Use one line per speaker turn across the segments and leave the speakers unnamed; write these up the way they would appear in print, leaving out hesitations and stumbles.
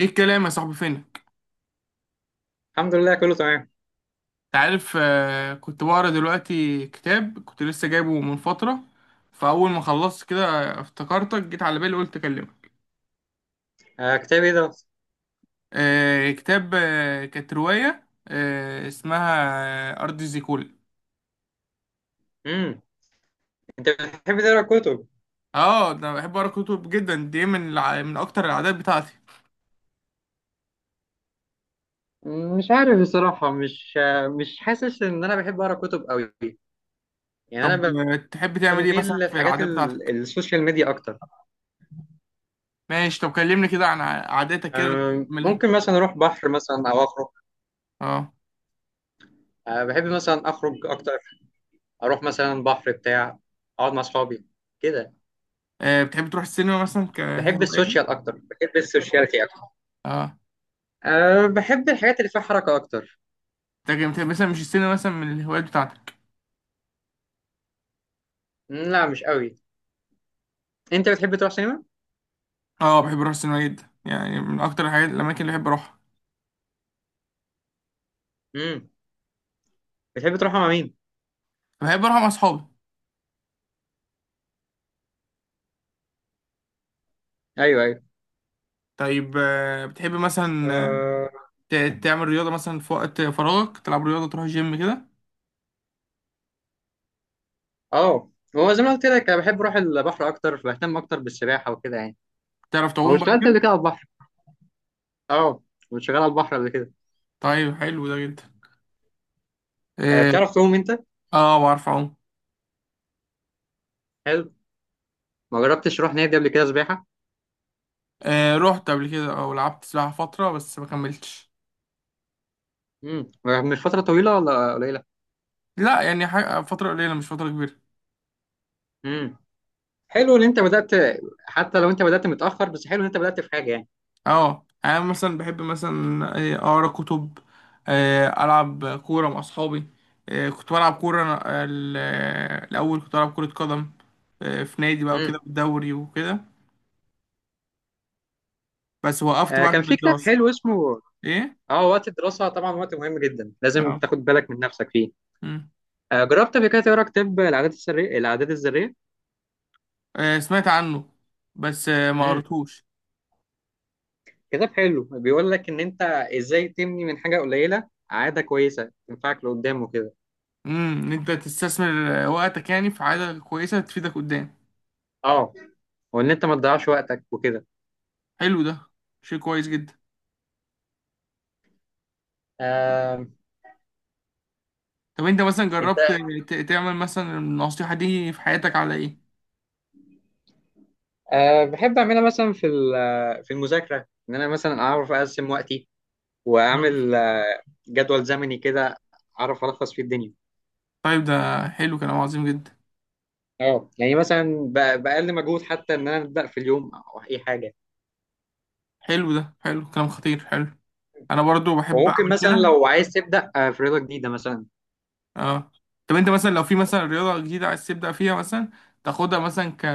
ايه الكلام يا صاحبي، فينك؟
الحمد لله كله تمام.
انت عارف، كنت بقرا دلوقتي كتاب كنت لسه جايبه من فترة. فأول ما خلصت كده، افتكرتك، جيت على بالي قلت أكلمك.
آه، كتاب ايه ده؟
كتاب، كانت رواية اسمها أرض زيكولا.
امم انت بتحب تقرا كتب؟
اه، ده أنا بحب أقرأ كتب جدا، دي من أكتر العادات بتاعتي.
مش عارف بصراحة، مش مش حاسس ان انا بحب اقرا كتب قوي. يعني
طب،
انا
تحب تعمل ايه
بميل
مثلا في العادات بتاعتك؟
السوشيال ميديا اكتر.
ماشي، طب كلمني كده عن عاداتك كده.
آه،
تعملها؟
ممكن مثلا اروح بحر مثلا او اخرج.
اه.
آه، بحب مثلا اخرج اكتر، اروح مثلا بحر بتاع، اقعد مع اصحابي كده.
بتحب تروح السينما مثلا
بحب السوشيال
كهواية؟
اكتر، بحب السوشياليتي اكتر.
اه،
آه، بحب الحاجات اللي فيها حركة اكتر.
انت جامد. يعني مثلا مش السينما مثلا من الهوايات بتاعتك؟
لا مش قوي. انت بتحب تروح سينما؟
اه، بحب اروح السينما جدا، يعني من اكتر الحاجات، الاماكن اللي بحب اروحها.
امم بتحب تروح مع مين؟
بحب اروح مع اصحابي.
ايوه ايوه.
طيب، بتحب مثلا
اه.
تعمل رياضه مثلا في وقت فراغك، تلعب رياضه، تروح جيم كده؟
آه. هو زي ما قلت لك انا بحب اروح البحر اكتر، بهتم اكتر بالسباحه وكده يعني.
تعرف
هو
تعوم بقى
اشتغلت قبل كده
كده؟
على البحر. اه، كنت شغال على البحر قبل كده.
طيب حلو ده جدا.
آه،
اه،
بتعرف تعوم انت؟
بعرف اعوم.
حلو. ما جربتش اروح نادي قبل كده سباحه.
آه، رحت قبل كده او لعبت سباحه فتره بس ما كملتش.
مش فتره طويله ولا قليله؟
لا، يعني حاجة فتره قليله، مش فتره كبيره.
امم. حلو ان انت بدات، حتى لو انت بدات متاخر، بس حلو ان انت بدات في حاجه يعني.
اه، انا مثلا بحب مثلا اقرا كتب، العب كوره مع اصحابي. كنت بلعب كوره الاول كنت بلعب كره قدم في نادي بقى
امم.
وكده بالدوري وكده. بس وقفت
آه،
بقى
كان
عشان
في كتاب
الدراسه.
حلو اسمه.
ايه؟
اه وقت الدراسه طبعا وقت مهم جدا، لازم
اه.
تاخد بالك من نفسك فيه.
مم.
آه، جربت قبل كده تقرا كتاب العادات السرية، العادات الذريه؟
سمعت عنه بس ما قريتوش.
كتاب حلو، بيقول لك ان انت ازاي تبني من حاجه قليله عاده كويسه تنفعك لقدام وكده.
ان انت تستثمر وقتك يعني في حاجه كويسه تفيدك قدام.
اه، وان انت ما تضيعش وقتك وكده.
حلو ده، شيء كويس جدا.
آه،
طب انت مثلا
انت.
جربت تعمل مثلا النصيحه دي في حياتك على ايه؟
آه، بحب اعملها مثلا في المذاكره، ان انا مثلا اعرف اقسم وقتي واعمل جدول زمني كده، اعرف الخص فيه الدنيا.
طيب ده حلو، كلام عظيم جدا.
اه، يعني مثلا باقل مجهود، حتى ان انا ابدا في اليوم او اي حاجه.
حلو ده، حلو، كلام خطير، حلو. انا برضو بحب
وممكن
اعمل
مثلا
كده.
لو عايز تبدا في رياضه جديده مثلا،
اه. طب انت مثلا لو في مثلا رياضة جديدة عايز تبدأ فيها مثلا، تاخدها مثلا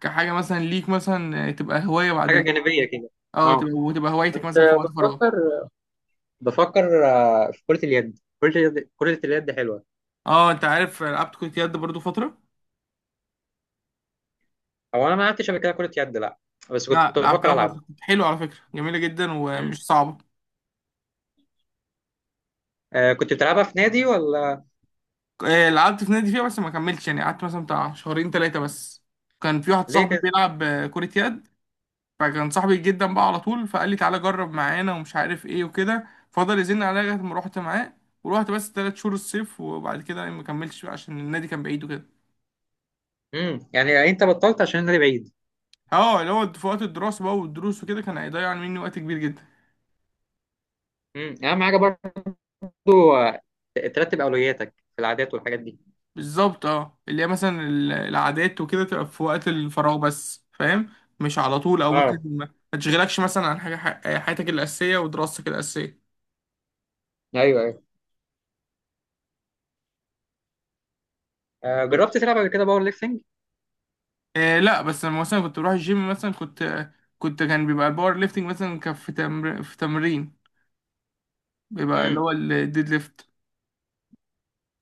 كحاجة مثلا ليك مثلا، تبقى هواية
حاجه
بعدين.
جانبيه كده.
اه،
اه،
تبقى هوايتك
كنت
مثلا في وقت فراغك.
بفكر، بفكر في كرة اليد، كرة اليد، كرة اليد حلوة.
اه، انت عارف، لعبت كرة يد برضو فترة.
هو أنا ما لعبتش قبل كده كرة يد لا، بس
لا،
كنت بفكر
لعبتها
ألعب.
فترة، كنت حلو على فكرة، جميلة جدا ومش
مم.
صعبة.
آه، كنت بتلعبها في نادي ولا؟
لعبت في نادي فيها بس ما كملتش، يعني قعدت مثلا بتاع شهرين ثلاثة بس. كان في واحد
ليه
صاحبي
كده؟
بيلعب كرة يد، فكان صاحبي جدا بقى على طول، فقال لي تعالى جرب معانا ومش عارف ايه وكده، فضل يزن عليا لغايه ما رحت معاه. ورحت بس 3 شهور الصيف، وبعد كده ما كملتش بقى عشان النادي كان بعيد وكده.
مم. يعني أنت بطلت عشان النادي بعيد؟
اه، اللي هو في وقت الدراسه بقى والدروس وكده، كان هيضيع مني وقت كبير جدا.
مم. أهم حاجة برضو. آه، ترتب أولوياتك في العادات والحاجات دي.
بالظبط. اه، اللي هي مثلا العادات وكده تبقى في وقت الفراغ بس، فاهم؟ مش على طول، او ممكن
اه.
ما تشغلكش مثلا عن حاجه، حياتك الاساسيه ودراستك الاساسيه.
ايوه ايوه. آه، جربت تلعب قبل كده باور ليفتنج؟
آه، لا، بس لما مثلا كنت بروح الجيم مثلا، كنت كان بيبقى الباور ليفتنج مثلا، كان في تمرين بيبقى اللي
امم.
هو الديد ليفت.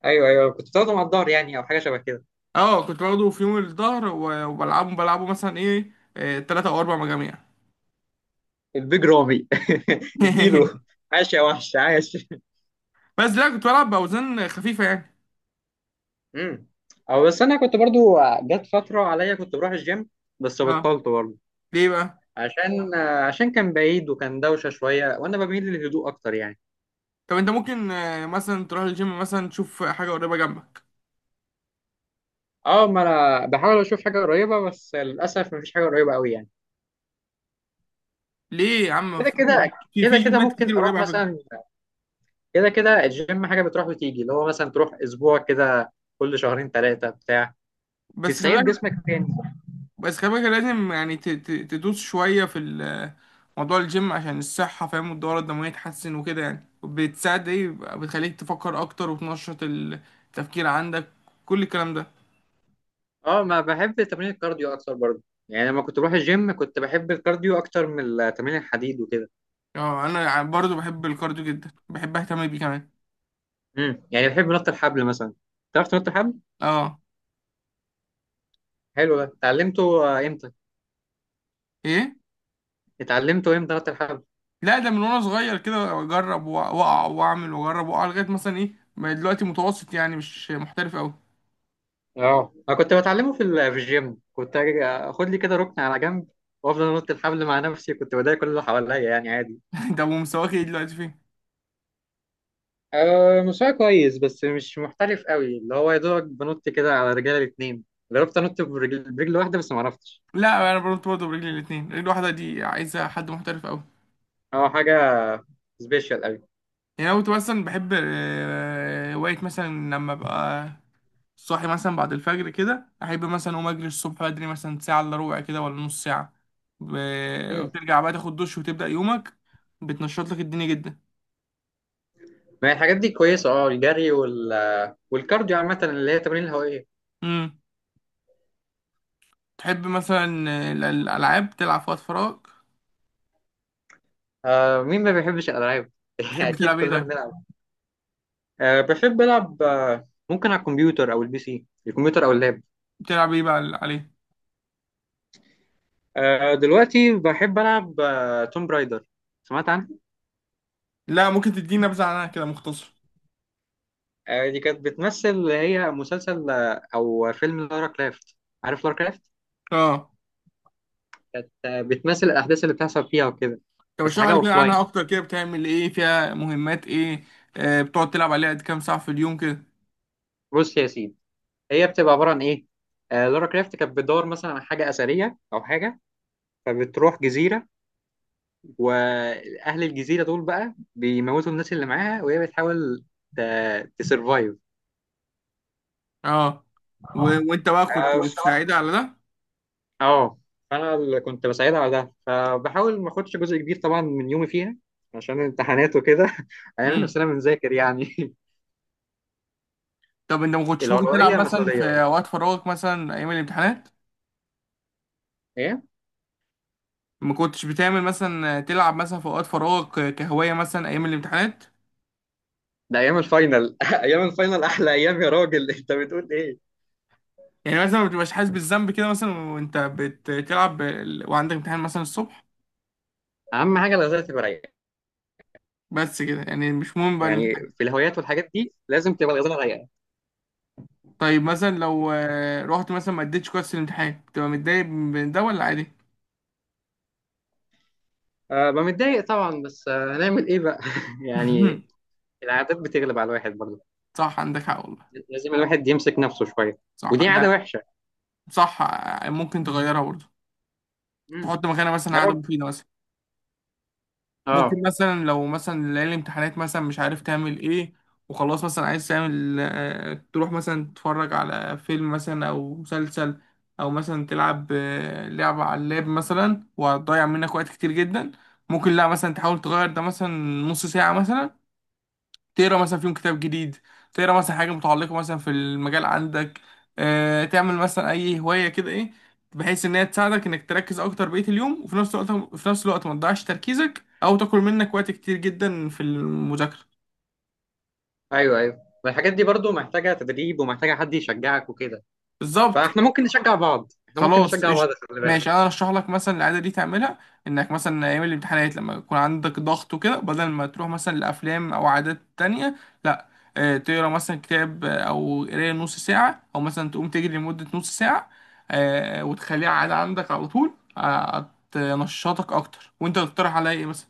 ايوه ايوه، كنت بتاخده مع الظهر يعني، او حاجه شبه كده؟
اه، كنت باخده في يوم الظهر، وبلعبه مثلا ايه، 3 أو 4 مجاميع
البيج رامي اديله، عاش يا وحش عاش.
بس لا، كنت بلعب باوزان خفيفة يعني.
امم. او بس انا كنت برضو جت فتره عليا كنت بروح الجيم، بس
اه،
بطلت برضو.
ليه بقى؟
عشان كان بعيد وكان دوشه شويه وانا بميل للهدوء اكتر يعني.
طب انت ممكن، مثلا تروح الجيم مثلا تشوف حاجة قريبة جنبك.
اه، ما انا بحاول اشوف حاجه قريبه، بس للاسف مفيش حاجه قريبه قوي يعني.
ليه يا عم،
كده
في
كده.
في
كده كده
جيمات
ممكن
كتير
اروح
قريبة على فكرة.
مثلا، كده كده الجيم حاجه بتروح وتيجي، اللي هو مثلا تروح اسبوع كده كل شهرين ثلاثه بتاع،
بس خلي
تستعيد
بالك،
جسمك تاني.
بس كمان كان لازم يعني تدوس شوية موضوع الجيم عشان الصحة، فاهم، والدورة الدموية تحسن وكده، يعني، وبتساعد ايه، بتخليك تفكر أكتر وتنشط التفكير عندك، كل الكلام ده.
اه، ما بحب تمرين الكارديو اكتر برضو، يعني لما كنت بروح الجيم كنت بحب الكارديو اكتر من تمرين الحديد وكده.
اه، أنا برضو بحب الكارديو جدا، بحب أهتم بيه كمان.
امم، يعني بحب نط الحبل مثلا. تعرف تنط الحبل؟
اه.
حلو ده، اتعلمته امتى؟
ايه؟
اتعلمته امتى نط الحبل؟
لا، ده من وأنا صغير كده، أجرب وأقع وأعمل، وأجرب وأقع، لغاية مثلا ايه، بقيت دلوقتي متوسط، يعني مش محترف أوي.
اه، انا كنت بتعلمه في الجيم، كنت أجي اخد لي كده ركن على جنب وافضل انط الحبل مع نفسي، كنت بضايق كل اللي حواليا يعني عادي.
ده مستواك ايه دلوقتي، فين؟
أه مستواي كويس بس مش محترف قوي، اللي هو يا دوبك بنط كده على رجلي الاتنين. جربت انط برجل, برجل واحده بس ما عرفتش.
لا، أنا برضو برجلي الاتنين، رجل واحدة دي عايزة حد محترف أوي.
اه، حاجه سبيشال قوي.
يعني أنا كنت مثلا بحب، هواية مثلا لما أبقى صاحي مثلا بعد الفجر كده، أحب مثلا أقوم أجري الصبح بدري، مثلا ساعة إلا ربع كده ولا نص ساعة،
مم.
وترجع بقى تاخد دش وتبدأ يومك، بتنشط لك الدنيا جدا.
ما هي الحاجات دي كويسه، اه الجري والكارديو عامه، اللي هي التمارين الهوائيه.
امم تحب مثلا الألعاب تلعب في وقت فراغ؟
آه، مين ما بيحبش الألعاب؟
تحب
أكيد
تلعب إيه
كلنا
طيب؟
بنلعب. آه، بحب ألعب. آه، ممكن على الكمبيوتر أو البي سي، الكمبيوتر أو اللاب.
بتلعب إيه بقى عليه؟
آه، دلوقتي بحب ألعب آه توم برايدر. سمعت عنها؟
لا، ممكن تديني نبذة عنها كده مختصر.
آه، دي كانت بتمثل اللي هي مسلسل آه أو فيلم لارا كرافت. عارف لارا كرافت؟
اه.
كانت آه بتمثل الأحداث اللي بتحصل فيها وكده.
طب
بس
اشرح
حاجة
لي كده عنها
أوفلاين.
أكتر، كده بتعمل إيه فيها، مهمات إيه؟ بتقعد تلعب عليها قد كام ساعة في اليوم كده؟
بص يا سيدي، هي بتبقى عبارة عن إيه؟ آه، لارا كرافت كانت بتدور مثلا على حاجة أثرية أو حاجة، فبتروح جزيرة، واهل الجزيره دول بقى بيموتوا الناس اللي معاها، وهي بتحاول تسرفايف.
اه. وانت بقى كنت
اه.
بتساعدها على ده؟
آه. فانا اللي كنت بساعدها على ده، فبحاول ما اخدش جزء كبير طبعا من يومي فيها عشان الامتحانات وكده هنعمل
امم
نفسنا بنذاكر يعني.
طب انت ما كنتش ممكن تلعب
الأولوية
مثلا
مسؤولية
في
برضه.
اوقات فراغك مثلا ايام الامتحانات؟
ايه؟
ما كنتش بتعمل مثلا تلعب مثلا في اوقات فراغك كهواية، مثلا ايام الامتحانات؟
ده ايام الفاينل ايام الفاينل احلى ايام يا راجل انت بتقول ايه؟
يعني مثلا ما بتبقاش حاسس بالذنب كده مثلا وانت بتلعب وعندك امتحان مثلا الصبح؟
اهم حاجه الغزاله تبقى رايقه،
بس كده يعني مش مهم بقى
يعني
الامتحان؟
في الهوايات والحاجات دي لازم تبقى الغزاله رايقه.
طيب مثلا لو، رحت مثلا ما اديتش كويس في الامتحان، بتبقى متضايق من ده ولا عادي؟
أه ببقى متضايق طبعا، بس آه، هنعمل ايه بقى؟ يعني العادات بتغلب على الواحد برضه،
صح، عندك حق والله.
لازم الواحد يمسك نفسه شويه،
صح
ودي عاده
ده.
وحشه.
صح. ممكن تغيرها برضه،
امم.
تحط مكانها مثلا
يا
عادة
رب.
مفيدة مثلا.
اه
ممكن مثلا لو مثلا ليالي الامتحانات مثلا مش عارف تعمل ايه، وخلاص مثلا عايز تعمل تروح مثلا تتفرج على فيلم مثلا او مسلسل، او مثلا تلعب لعبة على اللاب مثلا، وهتضيع منك وقت كتير جدا. ممكن لا مثلا تحاول تغير ده مثلا، نص ساعة مثلا تقرا مثلا فيهم كتاب جديد، تقرا مثلا حاجه متعلقه مثلا في المجال عندك، تعمل مثلا اي هوايه كده ايه، بحيث ان هي تساعدك انك تركز اكتر بقيه اليوم، وفي نفس الوقت ما تضيعش تركيزك او تاكل منك وقت كتير جدا في المذاكره.
ايوه ايوه، والحاجات دي برضه محتاجه تدريب ومحتاجه حد يشجعك وكده،
بالظبط.
فاحنا ممكن نشجع بعض، احنا ممكن
خلاص،
نشجع بعض
قشطة.
خلي بالك.
ماشي، انا ارشح لك مثلا العاده دي تعملها، انك مثلا ايام الامتحانات لما يكون عندك ضغط وكده، بدل ما تروح مثلا لافلام او عادات تانية، لا، تقرا مثلا كتاب، او قرايه نص ساعه، او مثلا تقوم تجري لمده نص ساعه، وتخليها عاده عندك على طول، هتنشطك اكتر. وانت تقترح عليا ايه مثلا؟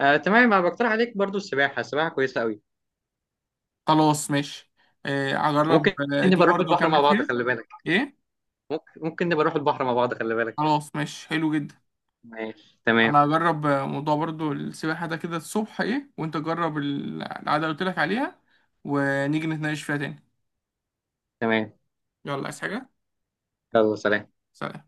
آه تمام، انا بقترح عليك برضه السباحه، السباحه كويسه قوي.
خلاص ماشي، هجرب،
ممكن
دي
نبقى نروح
برضه
البحر مع
اكمل
بعض
فيها.
خلي بالك.
ايه؟
ممكن، ممكن نبقى نروح البحر مع بعض خلي بالك.
خلاص ماشي، حلو جدا.
ماشي تمام.
انا هجرب موضوع برضو السباحة ده كده الصبح ايه، وانت جرب العادة اللي قلت لك عليها، ونيجي نتناقش فيها تاني.
تمام.
يلا، عايز حاجة؟
يلا سلام.
سلام.